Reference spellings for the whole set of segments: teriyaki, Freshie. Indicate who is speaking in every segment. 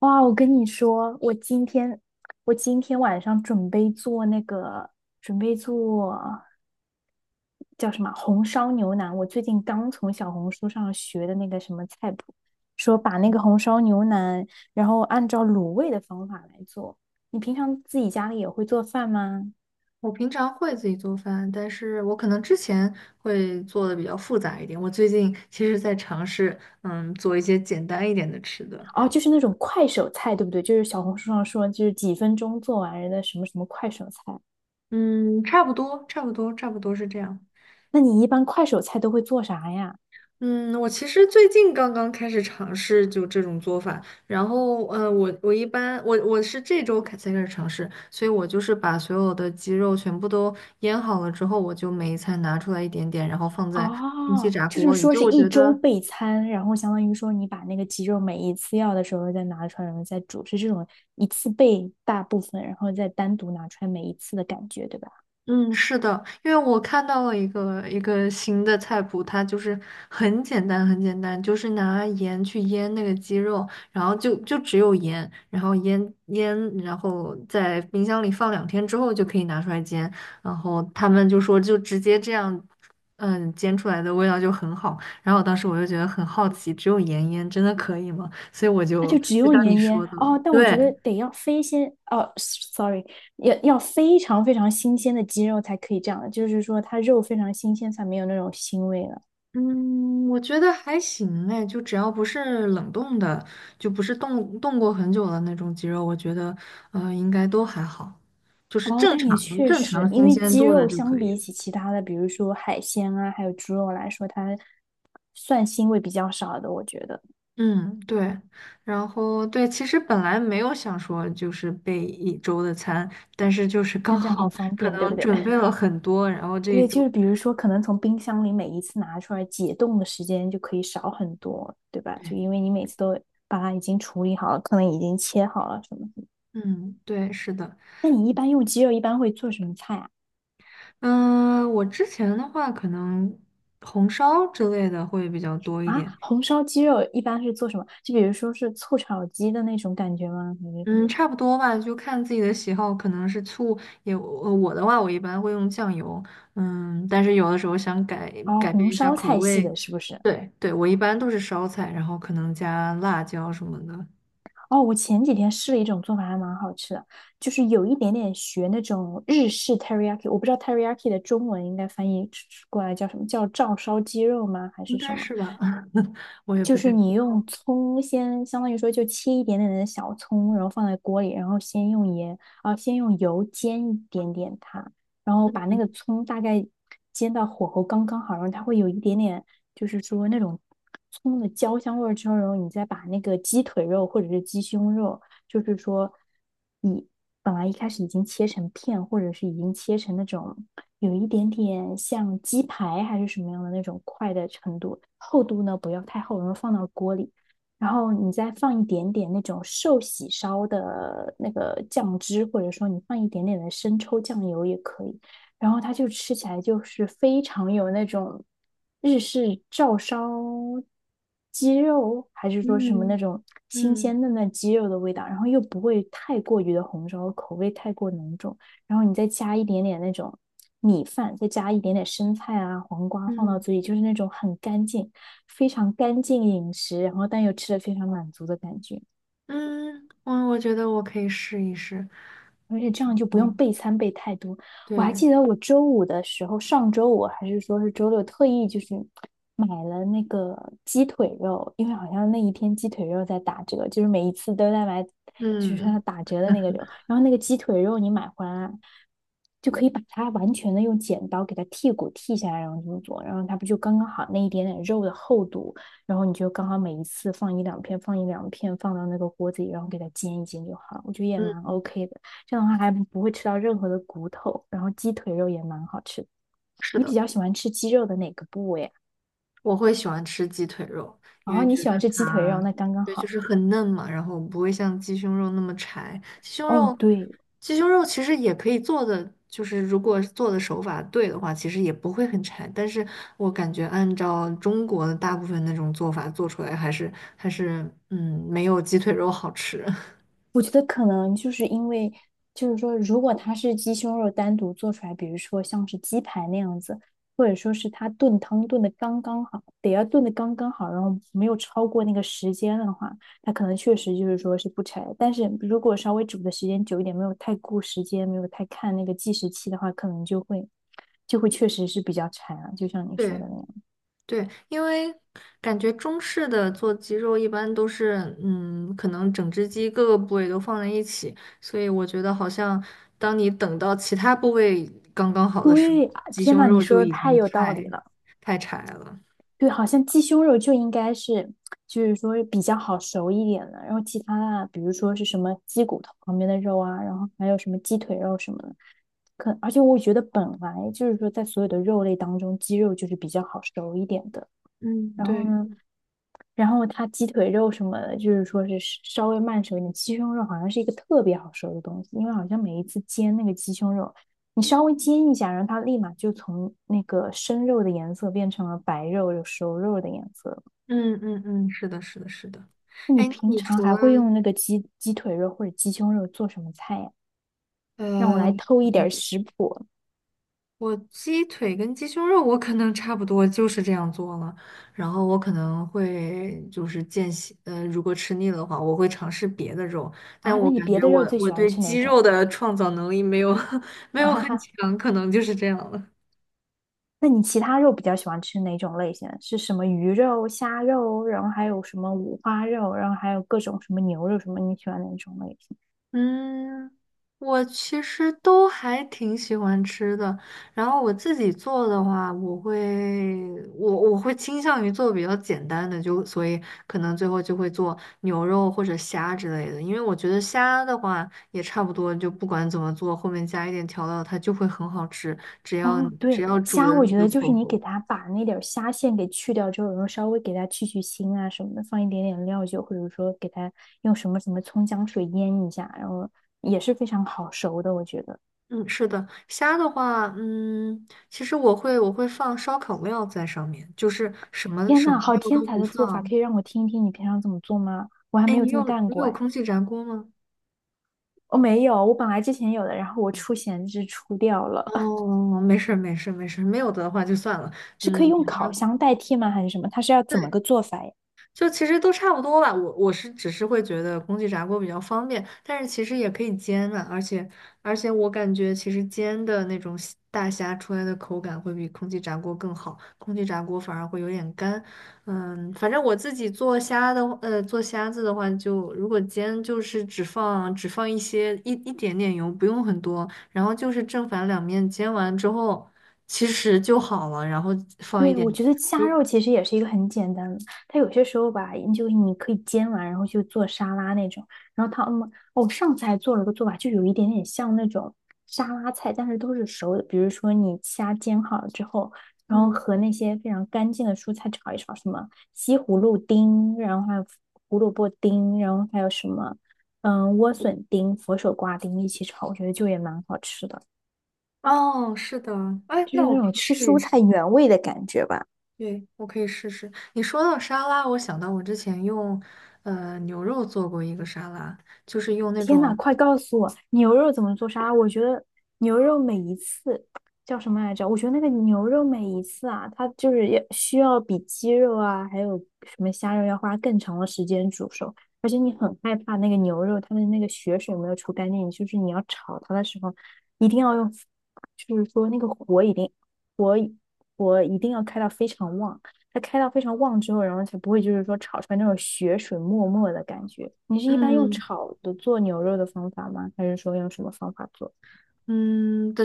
Speaker 1: 哇，我跟你说，我今天晚上准备做那个，准备做叫什么红烧牛腩。我最近刚从小红书上学的那个什么菜谱，说把那个红烧牛腩，然后按照卤味的方法来做。你平常自己家里也会做饭吗？
Speaker 2: 我平常会自己做饭，但是我可能之前会做的比较复杂一点。我最近其实在尝试，做一些简单一点的吃的。
Speaker 1: 哦，就是那种快手菜，对不对？就是小红书上说，就是几分钟做完人的什么什么快手菜。
Speaker 2: 嗯，差不多，差不多，差不多是这样。
Speaker 1: 那你一般快手菜都会做啥呀？
Speaker 2: 嗯，我其实最近刚刚开始尝试就这种做法，然后我一般我是这周才开始尝试，所以我就是把所有的鸡肉全部都腌好了之后，我就每一餐拿出来一点点，然后放在空气
Speaker 1: 哦，
Speaker 2: 炸
Speaker 1: 就是
Speaker 2: 锅里。
Speaker 1: 说
Speaker 2: 就
Speaker 1: 是
Speaker 2: 我
Speaker 1: 一
Speaker 2: 觉
Speaker 1: 周
Speaker 2: 得。
Speaker 1: 备餐，然后相当于说你把那个鸡肉每一次要的时候再拿出来，然后再煮，是这种一次备大部分，然后再单独拿出来每一次的感觉，对吧？
Speaker 2: 嗯，是的，因为我看到了一个新的菜谱，它就是很简单，很简单，就是拿盐去腌那个鸡肉，然后就只有盐，然后腌腌，然后在冰箱里放两天之后就可以拿出来煎，然后他们就说就直接这样，煎出来的味道就很好，然后当时我就觉得很好奇，只有盐腌真的可以吗？所以我
Speaker 1: 那
Speaker 2: 就
Speaker 1: 就只
Speaker 2: 就
Speaker 1: 用
Speaker 2: 像你
Speaker 1: 盐腌
Speaker 2: 说的，
Speaker 1: 哦，但我觉得
Speaker 2: 对，
Speaker 1: 得要非鲜哦，sorry，要非常非常新鲜的鸡肉才可以这样，就是说它肉非常新鲜才没有那种腥味了。
Speaker 2: 嗯，我觉得还行哎，就只要不是冷冻的，就不是冻过很久的那种鸡肉，我觉得应该都还好，就是
Speaker 1: 哦，
Speaker 2: 正
Speaker 1: 但也
Speaker 2: 常
Speaker 1: 确
Speaker 2: 正
Speaker 1: 实，
Speaker 2: 常
Speaker 1: 因
Speaker 2: 新
Speaker 1: 为
Speaker 2: 鲜
Speaker 1: 鸡
Speaker 2: 度的
Speaker 1: 肉
Speaker 2: 就
Speaker 1: 相
Speaker 2: 可以
Speaker 1: 比
Speaker 2: 了。
Speaker 1: 起其他的，比如说海鲜啊，还有猪肉来说，它蒜腥味比较少的，我觉得。
Speaker 2: 嗯，对，然后对，其实本来没有想说就是备一周的餐，但是就是刚
Speaker 1: 但这
Speaker 2: 好
Speaker 1: 样很方
Speaker 2: 可
Speaker 1: 便，对不
Speaker 2: 能
Speaker 1: 对？
Speaker 2: 准备了很多，然后 这一
Speaker 1: 对，就
Speaker 2: 周，
Speaker 1: 是比如说，可能从冰箱里每一次拿出来解冻的时间就可以少很多，对吧？
Speaker 2: 对，
Speaker 1: 就因为你每次都把它已经处理好了，可能已经切好了什么的。
Speaker 2: 嗯，对，是的，
Speaker 1: 那你一般用鸡肉一般会做什么菜啊？
Speaker 2: 嗯，我之前的话可能红烧之类的会比较多一
Speaker 1: 啊，
Speaker 2: 点。
Speaker 1: 红烧鸡肉一般是做什么？就比如说是醋炒鸡的那种感觉吗？还是什么？
Speaker 2: 嗯，差不多吧，就看自己的喜好，可能是醋也，我的话，我一般会用酱油，但是有的时候想改
Speaker 1: 哦，
Speaker 2: 改
Speaker 1: 红
Speaker 2: 变一下
Speaker 1: 烧
Speaker 2: 口
Speaker 1: 菜系
Speaker 2: 味，
Speaker 1: 的是不是？
Speaker 2: 对对，我一般都是烧菜，然后可能加辣椒什么的，
Speaker 1: 哦，我前几天试了一种做法，还蛮好吃的，就是有一点点学那种日式 teriyaki，我不知道 teriyaki 的中文应该翻译过来叫什么，叫照烧鸡肉吗？还是
Speaker 2: 应
Speaker 1: 什
Speaker 2: 该
Speaker 1: 么？
Speaker 2: 是吧，我也
Speaker 1: 就
Speaker 2: 不太
Speaker 1: 是
Speaker 2: 知
Speaker 1: 你用
Speaker 2: 道。
Speaker 1: 葱先，相当于说就切一点点的小葱，然后放在锅里，然后先用盐，啊，先用油煎一点点它，然后把那个葱大概煎到火候刚刚好，然后它会有一点点，就是说那种葱的焦香味儿之后，然后你再把那个鸡腿肉或者是鸡胸肉。就是说你本来一开始已经切成片，或者是已经切成那种有一点点像鸡排还是什么样的那种块的程度，厚度呢不要太厚，然后放到锅里，然后你再放一点点那种寿喜烧的那个酱汁，或者说你放一点点的生抽酱油也可以。然后它就吃起来就是非常有那种日式照烧鸡肉，还是说什么那
Speaker 2: 嗯
Speaker 1: 种新
Speaker 2: 嗯
Speaker 1: 鲜嫩嫩鸡肉的味道，然后又不会太过于的红烧，口味太过浓重，然后你再加一点点那种米饭，再加一点点生菜啊、黄瓜放到
Speaker 2: 嗯
Speaker 1: 嘴里，就是那种很干净、非常干净饮食，然后但又吃的非常满足的感觉。
Speaker 2: 嗯，我觉得我可以试一试。
Speaker 1: 而且这样就不
Speaker 2: 哦，
Speaker 1: 用备餐备太多。我还
Speaker 2: 对，
Speaker 1: 记得我周五的时候，上周五还是说是周六，特意就是买了那个鸡腿肉，因为好像那一天鸡腿肉在打折，就是每一次都在买，就是
Speaker 2: 嗯
Speaker 1: 它打折的那个肉。然后那个鸡腿肉你买回来，就可以把它完全的用剪刀给它剔骨剔下来，然后这么做，然后它不就刚刚好那一点点肉的厚度，然后你就刚好每一次放一两片，放一两片，放到那个锅子里，然后给它煎一煎就好了我觉得也蛮
Speaker 2: 嗯，
Speaker 1: OK 的。这样的话还不会吃到任何的骨头，然后鸡腿肉也蛮好吃的。
Speaker 2: 是
Speaker 1: 你比
Speaker 2: 的。
Speaker 1: 较喜欢吃鸡肉的哪个部位啊？
Speaker 2: 我会喜欢吃鸡腿肉，
Speaker 1: 然
Speaker 2: 因
Speaker 1: 后
Speaker 2: 为
Speaker 1: 你
Speaker 2: 觉
Speaker 1: 喜
Speaker 2: 得
Speaker 1: 欢吃鸡腿肉，
Speaker 2: 它，
Speaker 1: 那刚刚
Speaker 2: 对，就
Speaker 1: 好。
Speaker 2: 是很嫩嘛，然后不会像鸡胸肉那么柴。鸡胸
Speaker 1: 哦，
Speaker 2: 肉，
Speaker 1: 对，
Speaker 2: 鸡胸肉其实也可以做的，就是如果做的手法对的话，其实也不会很柴。但是我感觉按照中国的大部分那种做法做出来，还是没有鸡腿肉好吃。
Speaker 1: 我觉得可能就是因为，就是说，如果它是鸡胸肉单独做出来，比如说像是鸡排那样子，或者说是它炖汤炖的刚刚好，得要炖的刚刚好，然后没有超过那个时间的话，它可能确实就是说是不柴。但是如果稍微煮的时间久一点，没有太顾时间，没有太看那个计时器的话，可能就会确实是比较柴啊，就像你说
Speaker 2: 对。
Speaker 1: 的那样。
Speaker 2: 对，因为感觉中式的做鸡肉一般都是，可能整只鸡各个部位都放在一起，所以我觉得好像当你等到其他部位刚刚好的时候，
Speaker 1: 对，啊
Speaker 2: 鸡
Speaker 1: 天
Speaker 2: 胸
Speaker 1: 呐，你
Speaker 2: 肉
Speaker 1: 说
Speaker 2: 就
Speaker 1: 的
Speaker 2: 已
Speaker 1: 太
Speaker 2: 经
Speaker 1: 有道理
Speaker 2: 太
Speaker 1: 了。
Speaker 2: 太柴了。
Speaker 1: 对，好像鸡胸肉就应该是，就是说比较好熟一点的，然后其他的，比如说是什么鸡骨头旁边的肉啊，然后还有什么鸡腿肉什么的，可而且我觉得本来就是说在所有的肉类当中，鸡肉就是比较好熟一点的。
Speaker 2: 嗯，
Speaker 1: 然后
Speaker 2: 对。
Speaker 1: 呢，然后它鸡腿肉什么的，就是说是稍微慢熟一点，鸡胸肉好像是一个特别好熟的东西，因为好像每一次煎那个鸡胸肉，你稍微煎一下，然后它立马就从那个生肉的颜色变成了白肉有熟肉的颜色。
Speaker 2: 嗯嗯嗯，是的，是的，是的。
Speaker 1: 你
Speaker 2: 哎，那
Speaker 1: 平
Speaker 2: 你
Speaker 1: 常
Speaker 2: 除
Speaker 1: 还
Speaker 2: 了
Speaker 1: 会用那个鸡腿肉或者鸡胸肉做什么菜呀？让我来
Speaker 2: 呃
Speaker 1: 偷一点儿食谱
Speaker 2: 我鸡腿跟鸡胸肉，我可能差不多就是这样做了。然后我可能会就是间歇，如果吃腻了的话，我会尝试别的肉。
Speaker 1: 啊！
Speaker 2: 但
Speaker 1: 那
Speaker 2: 我
Speaker 1: 你
Speaker 2: 感
Speaker 1: 别
Speaker 2: 觉
Speaker 1: 的
Speaker 2: 我
Speaker 1: 肉最喜
Speaker 2: 我
Speaker 1: 欢
Speaker 2: 对
Speaker 1: 吃哪
Speaker 2: 鸡
Speaker 1: 种？
Speaker 2: 肉的创造能力没有 没
Speaker 1: 啊
Speaker 2: 有
Speaker 1: 哈
Speaker 2: 很
Speaker 1: 哈，
Speaker 2: 强，可能就是这样了。
Speaker 1: 那你其他肉比较喜欢吃哪种类型？是什么鱼肉、虾肉，然后还有什么五花肉，然后还有各种什么牛肉什么？你喜欢哪种类型？
Speaker 2: 嗯，我其实都还挺喜欢吃的。然后我自己做的话，我会倾向于做比较简单的，就所以可能最后就会做牛肉或者虾之类的。因为我觉得虾的话也差不多，就不管怎么做，后面加一点调料，它就会很好吃。只
Speaker 1: 哦，
Speaker 2: 要只
Speaker 1: 对，
Speaker 2: 要煮
Speaker 1: 虾
Speaker 2: 的
Speaker 1: 我
Speaker 2: 那
Speaker 1: 觉得
Speaker 2: 个
Speaker 1: 就是
Speaker 2: 火
Speaker 1: 你给
Speaker 2: 候。
Speaker 1: 它把那点儿虾线给去掉之后，然后稍微给它去去腥啊什么的，放一点点料酒，或者说给它用什么什么葱姜水腌一下，然后也是非常好熟的，我觉得。
Speaker 2: 嗯，是的，虾的话，其实我会放烧烤料在上面，就是什么
Speaker 1: 天
Speaker 2: 什么
Speaker 1: 呐，好
Speaker 2: 料
Speaker 1: 天
Speaker 2: 都
Speaker 1: 才
Speaker 2: 不
Speaker 1: 的做法，
Speaker 2: 放，
Speaker 1: 可以让我听一听你平常怎么做吗？我还
Speaker 2: 哎，
Speaker 1: 没有
Speaker 2: 你
Speaker 1: 这么
Speaker 2: 有
Speaker 1: 干
Speaker 2: 你
Speaker 1: 过
Speaker 2: 有
Speaker 1: 哎，
Speaker 2: 空气炸锅吗？
Speaker 1: 我没有，我本来之前有的，然后我出闲置出掉了，
Speaker 2: 哦，没事儿没事儿没事儿没有的话就算了。
Speaker 1: 是可以
Speaker 2: 嗯，
Speaker 1: 用
Speaker 2: 反
Speaker 1: 烤
Speaker 2: 正
Speaker 1: 箱代替吗？还是什么？它是要怎么个
Speaker 2: 对，
Speaker 1: 做法呀？
Speaker 2: 就其实都差不多吧，我是只是会觉得空气炸锅比较方便，但是其实也可以煎啊，而且我感觉其实煎的那种大虾出来的口感会比空气炸锅更好，空气炸锅反而会有点干。嗯，反正我自己做虾的话做虾子的话就，如果煎就是只放一些一点点油，不用很多，然后就是正反两面煎完之后，其实就好了，然后放一
Speaker 1: 对，
Speaker 2: 点，
Speaker 1: 我觉得虾
Speaker 2: 如
Speaker 1: 肉其实也是一个很简单的，它有些时候吧，就是你可以煎完，然后就做沙拉那种。然后它，嗯，哦，上次还做了个做法，就有一点点像那种沙拉菜，但是都是熟的。比如说你虾煎好了之后，然后
Speaker 2: 嗯。
Speaker 1: 和那些非常干净的蔬菜炒一炒，什么西葫芦丁，然后还有胡萝卜丁，然后还有什么，嗯，莴笋丁、佛手瓜丁一起炒，我觉得就也蛮好吃的，
Speaker 2: 哦，是的，哎，
Speaker 1: 就是
Speaker 2: 那
Speaker 1: 那
Speaker 2: 我可
Speaker 1: 种
Speaker 2: 以
Speaker 1: 吃
Speaker 2: 试
Speaker 1: 蔬
Speaker 2: 一试，
Speaker 1: 菜原味的感觉吧。
Speaker 2: 对，我可以试试。你说到沙拉，我想到我之前用牛肉做过一个沙拉，就是用那
Speaker 1: 天呐，
Speaker 2: 种
Speaker 1: 快告诉我牛肉怎么做沙拉？我觉得牛肉每一次叫什么来着？我觉得那个牛肉每一次啊，它就是要需要比鸡肉啊，还有什么虾肉要花更长的时间煮熟，而且你很害怕那个牛肉它的那个血水没有除干净，就是你要炒它的时候，一定要用，就是说那个火火一定要开到非常旺。它开到非常旺之后，然后才不会就是说炒出来那种血水沫沫的感觉。你是一般用
Speaker 2: 嗯
Speaker 1: 炒的做牛肉的方法吗？还是说用什么方法做？
Speaker 2: 嗯的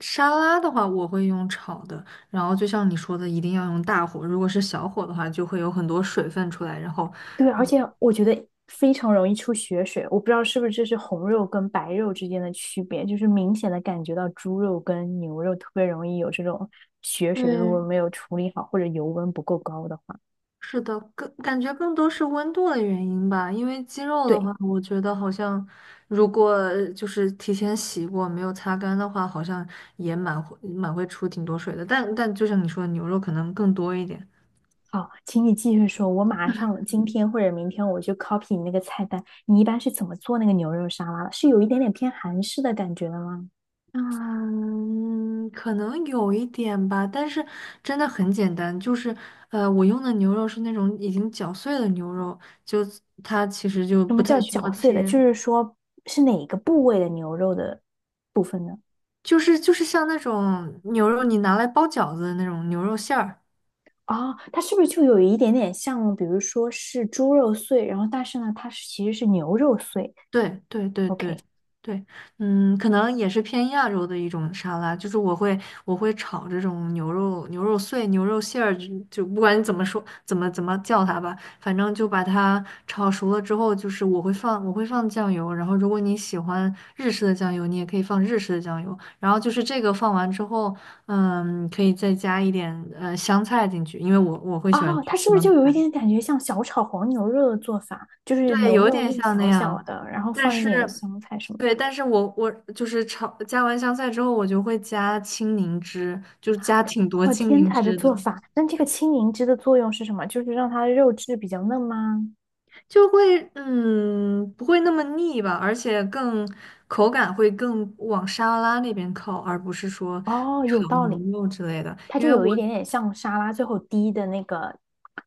Speaker 2: 沙拉的话，我会用炒的，然后就像你说的，一定要用大火，如果是小火的话，就会有很多水分出来，然后
Speaker 1: 对，而且我觉得非常容易出血水，我不知道是不是这是红肉跟白肉之间的区别，就是明显的感觉到猪肉跟牛肉特别容易有这种血水，如
Speaker 2: 对。
Speaker 1: 果没有处理好或者油温不够高的话。
Speaker 2: 是的，更感觉更多是温度的原因吧，因为鸡肉的
Speaker 1: 对，
Speaker 2: 话，我觉得好像如果就是提前洗过没有擦干的话，好像也蛮会出挺多水的。但就像你说的，牛肉可能更多一点。
Speaker 1: 好，请你继续说，我马上今天或者明天我就 copy 你那个菜单。你一般是怎么做那个牛肉沙拉的？是有一点点偏韩式的感觉的吗？
Speaker 2: 嗯，可能有一点吧，但是真的很简单，就是我用的牛肉是那种已经绞碎的牛肉，就它其实就
Speaker 1: 什么
Speaker 2: 不太
Speaker 1: 叫
Speaker 2: 需
Speaker 1: 绞
Speaker 2: 要
Speaker 1: 碎的？
Speaker 2: 切，
Speaker 1: 就是说是哪个部位的牛肉的部分呢？
Speaker 2: 就是像那种牛肉你拿来包饺子的那种牛肉馅儿。
Speaker 1: 哦，它是不是就有一点点像，比如说是猪肉碎，然后但是呢，它是其实是牛肉碎。
Speaker 2: 对对对
Speaker 1: OK，
Speaker 2: 对对，嗯，可能也是偏亚洲的一种沙拉，就是我会炒这种牛肉碎、牛肉馅儿，就不管你怎么说怎么叫它吧，反正就把它炒熟了之后，就是我会放酱油，然后如果你喜欢日式的酱油，你也可以放日式的酱油，然后就是这个放完之后，可以再加一点香菜进去，因为我会喜欢
Speaker 1: 哦，
Speaker 2: 吃
Speaker 1: 它是不是
Speaker 2: 香
Speaker 1: 就有一
Speaker 2: 菜。
Speaker 1: 点感觉像小炒黄牛肉的做法？就是
Speaker 2: 对，
Speaker 1: 牛
Speaker 2: 有
Speaker 1: 肉
Speaker 2: 点
Speaker 1: 粒
Speaker 2: 像那
Speaker 1: 小小
Speaker 2: 样，
Speaker 1: 的，然后
Speaker 2: 但
Speaker 1: 放一
Speaker 2: 是，
Speaker 1: 点香菜什么的。
Speaker 2: 对，但是我就是炒加完香菜之后，我就会加青柠汁，就是加挺多
Speaker 1: 哦，
Speaker 2: 青
Speaker 1: 天
Speaker 2: 柠
Speaker 1: 才的
Speaker 2: 汁的，
Speaker 1: 做法！那这个青柠汁的作用是什么？就是让它的肉质比较嫩吗？
Speaker 2: 就会不会那么腻吧，而且更口感会更往沙拉那边靠，而不是说
Speaker 1: 哦，有
Speaker 2: 炒
Speaker 1: 道
Speaker 2: 牛
Speaker 1: 理，
Speaker 2: 肉之类的，
Speaker 1: 它
Speaker 2: 因
Speaker 1: 就
Speaker 2: 为
Speaker 1: 有
Speaker 2: 我
Speaker 1: 一点点像沙拉最后滴的那个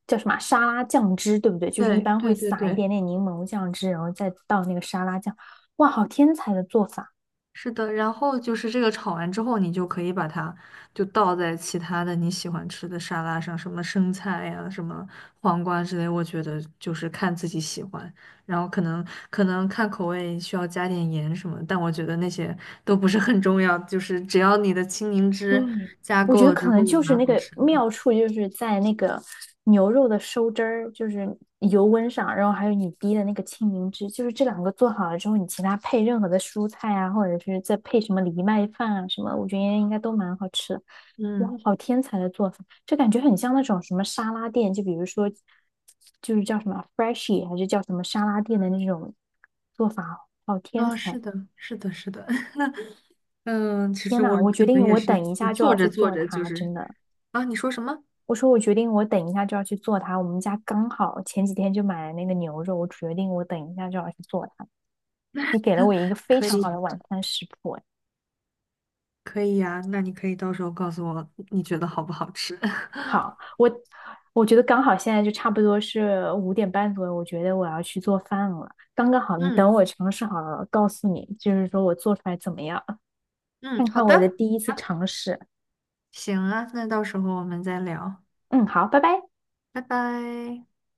Speaker 1: 叫什么啊沙拉酱汁，对不对？就是一
Speaker 2: 对
Speaker 1: 般会
Speaker 2: 对对
Speaker 1: 撒一
Speaker 2: 对，
Speaker 1: 点点柠檬酱汁，然后再倒那个沙拉酱。哇，好天才的做法！
Speaker 2: 是的，然后就是这个炒完之后，你就可以把它就倒在其他的你喜欢吃的沙拉上，什么生菜呀、什么黄瓜之类，我觉得就是看自己喜欢，然后可能看口味需要加点盐什么，但我觉得那些都不是很重要，就是只要你的青柠
Speaker 1: 对，
Speaker 2: 汁加
Speaker 1: 我觉
Speaker 2: 够
Speaker 1: 得
Speaker 2: 了
Speaker 1: 可
Speaker 2: 之后，
Speaker 1: 能就是
Speaker 2: 蛮
Speaker 1: 那
Speaker 2: 好
Speaker 1: 个
Speaker 2: 吃的。
Speaker 1: 妙处，就是在那个牛肉的收汁儿，就是油温上，然后还有你滴的那个青柠汁，就是这两个做好了之后，你其他配任何的蔬菜啊，或者是再配什么藜麦饭啊什么，我觉得应该都蛮好吃的。哇，
Speaker 2: 嗯，
Speaker 1: 好天才的做法！这感觉很像那种什么沙拉店，就比如说，就是叫什么 Freshie 还是叫什么沙拉店的那种做法，好天
Speaker 2: 啊、
Speaker 1: 才！
Speaker 2: 是的，是的，是的，嗯，其
Speaker 1: 天
Speaker 2: 实我
Speaker 1: 呐，
Speaker 2: 可
Speaker 1: 我决
Speaker 2: 能
Speaker 1: 定
Speaker 2: 也
Speaker 1: 我
Speaker 2: 是
Speaker 1: 等一
Speaker 2: 自己
Speaker 1: 下就要
Speaker 2: 做着
Speaker 1: 去
Speaker 2: 做
Speaker 1: 做
Speaker 2: 着就
Speaker 1: 它，真
Speaker 2: 是
Speaker 1: 的。
Speaker 2: 啊，你说什么？
Speaker 1: 我说我决定，我等一下就要去做它。我们家刚好前几天就买了那个牛肉，我决定我等一下就要去做它。你给了我一个非
Speaker 2: 可
Speaker 1: 常
Speaker 2: 以。
Speaker 1: 好的晚餐食谱，哎
Speaker 2: 可以呀，那你可以到时候告诉我你觉得好不好吃。
Speaker 1: 好，我觉得刚好现在就差不多是5:30左右，我觉得我要去做饭了，刚刚好。你
Speaker 2: 嗯
Speaker 1: 等我尝试好了，告诉你，就是说我做出来怎么样，
Speaker 2: 嗯，
Speaker 1: 看
Speaker 2: 好
Speaker 1: 看我的
Speaker 2: 的，
Speaker 1: 第一次
Speaker 2: 啊，
Speaker 1: 尝试。
Speaker 2: 行啊，那到时候我们再聊，
Speaker 1: 嗯，好，拜拜。
Speaker 2: 拜拜。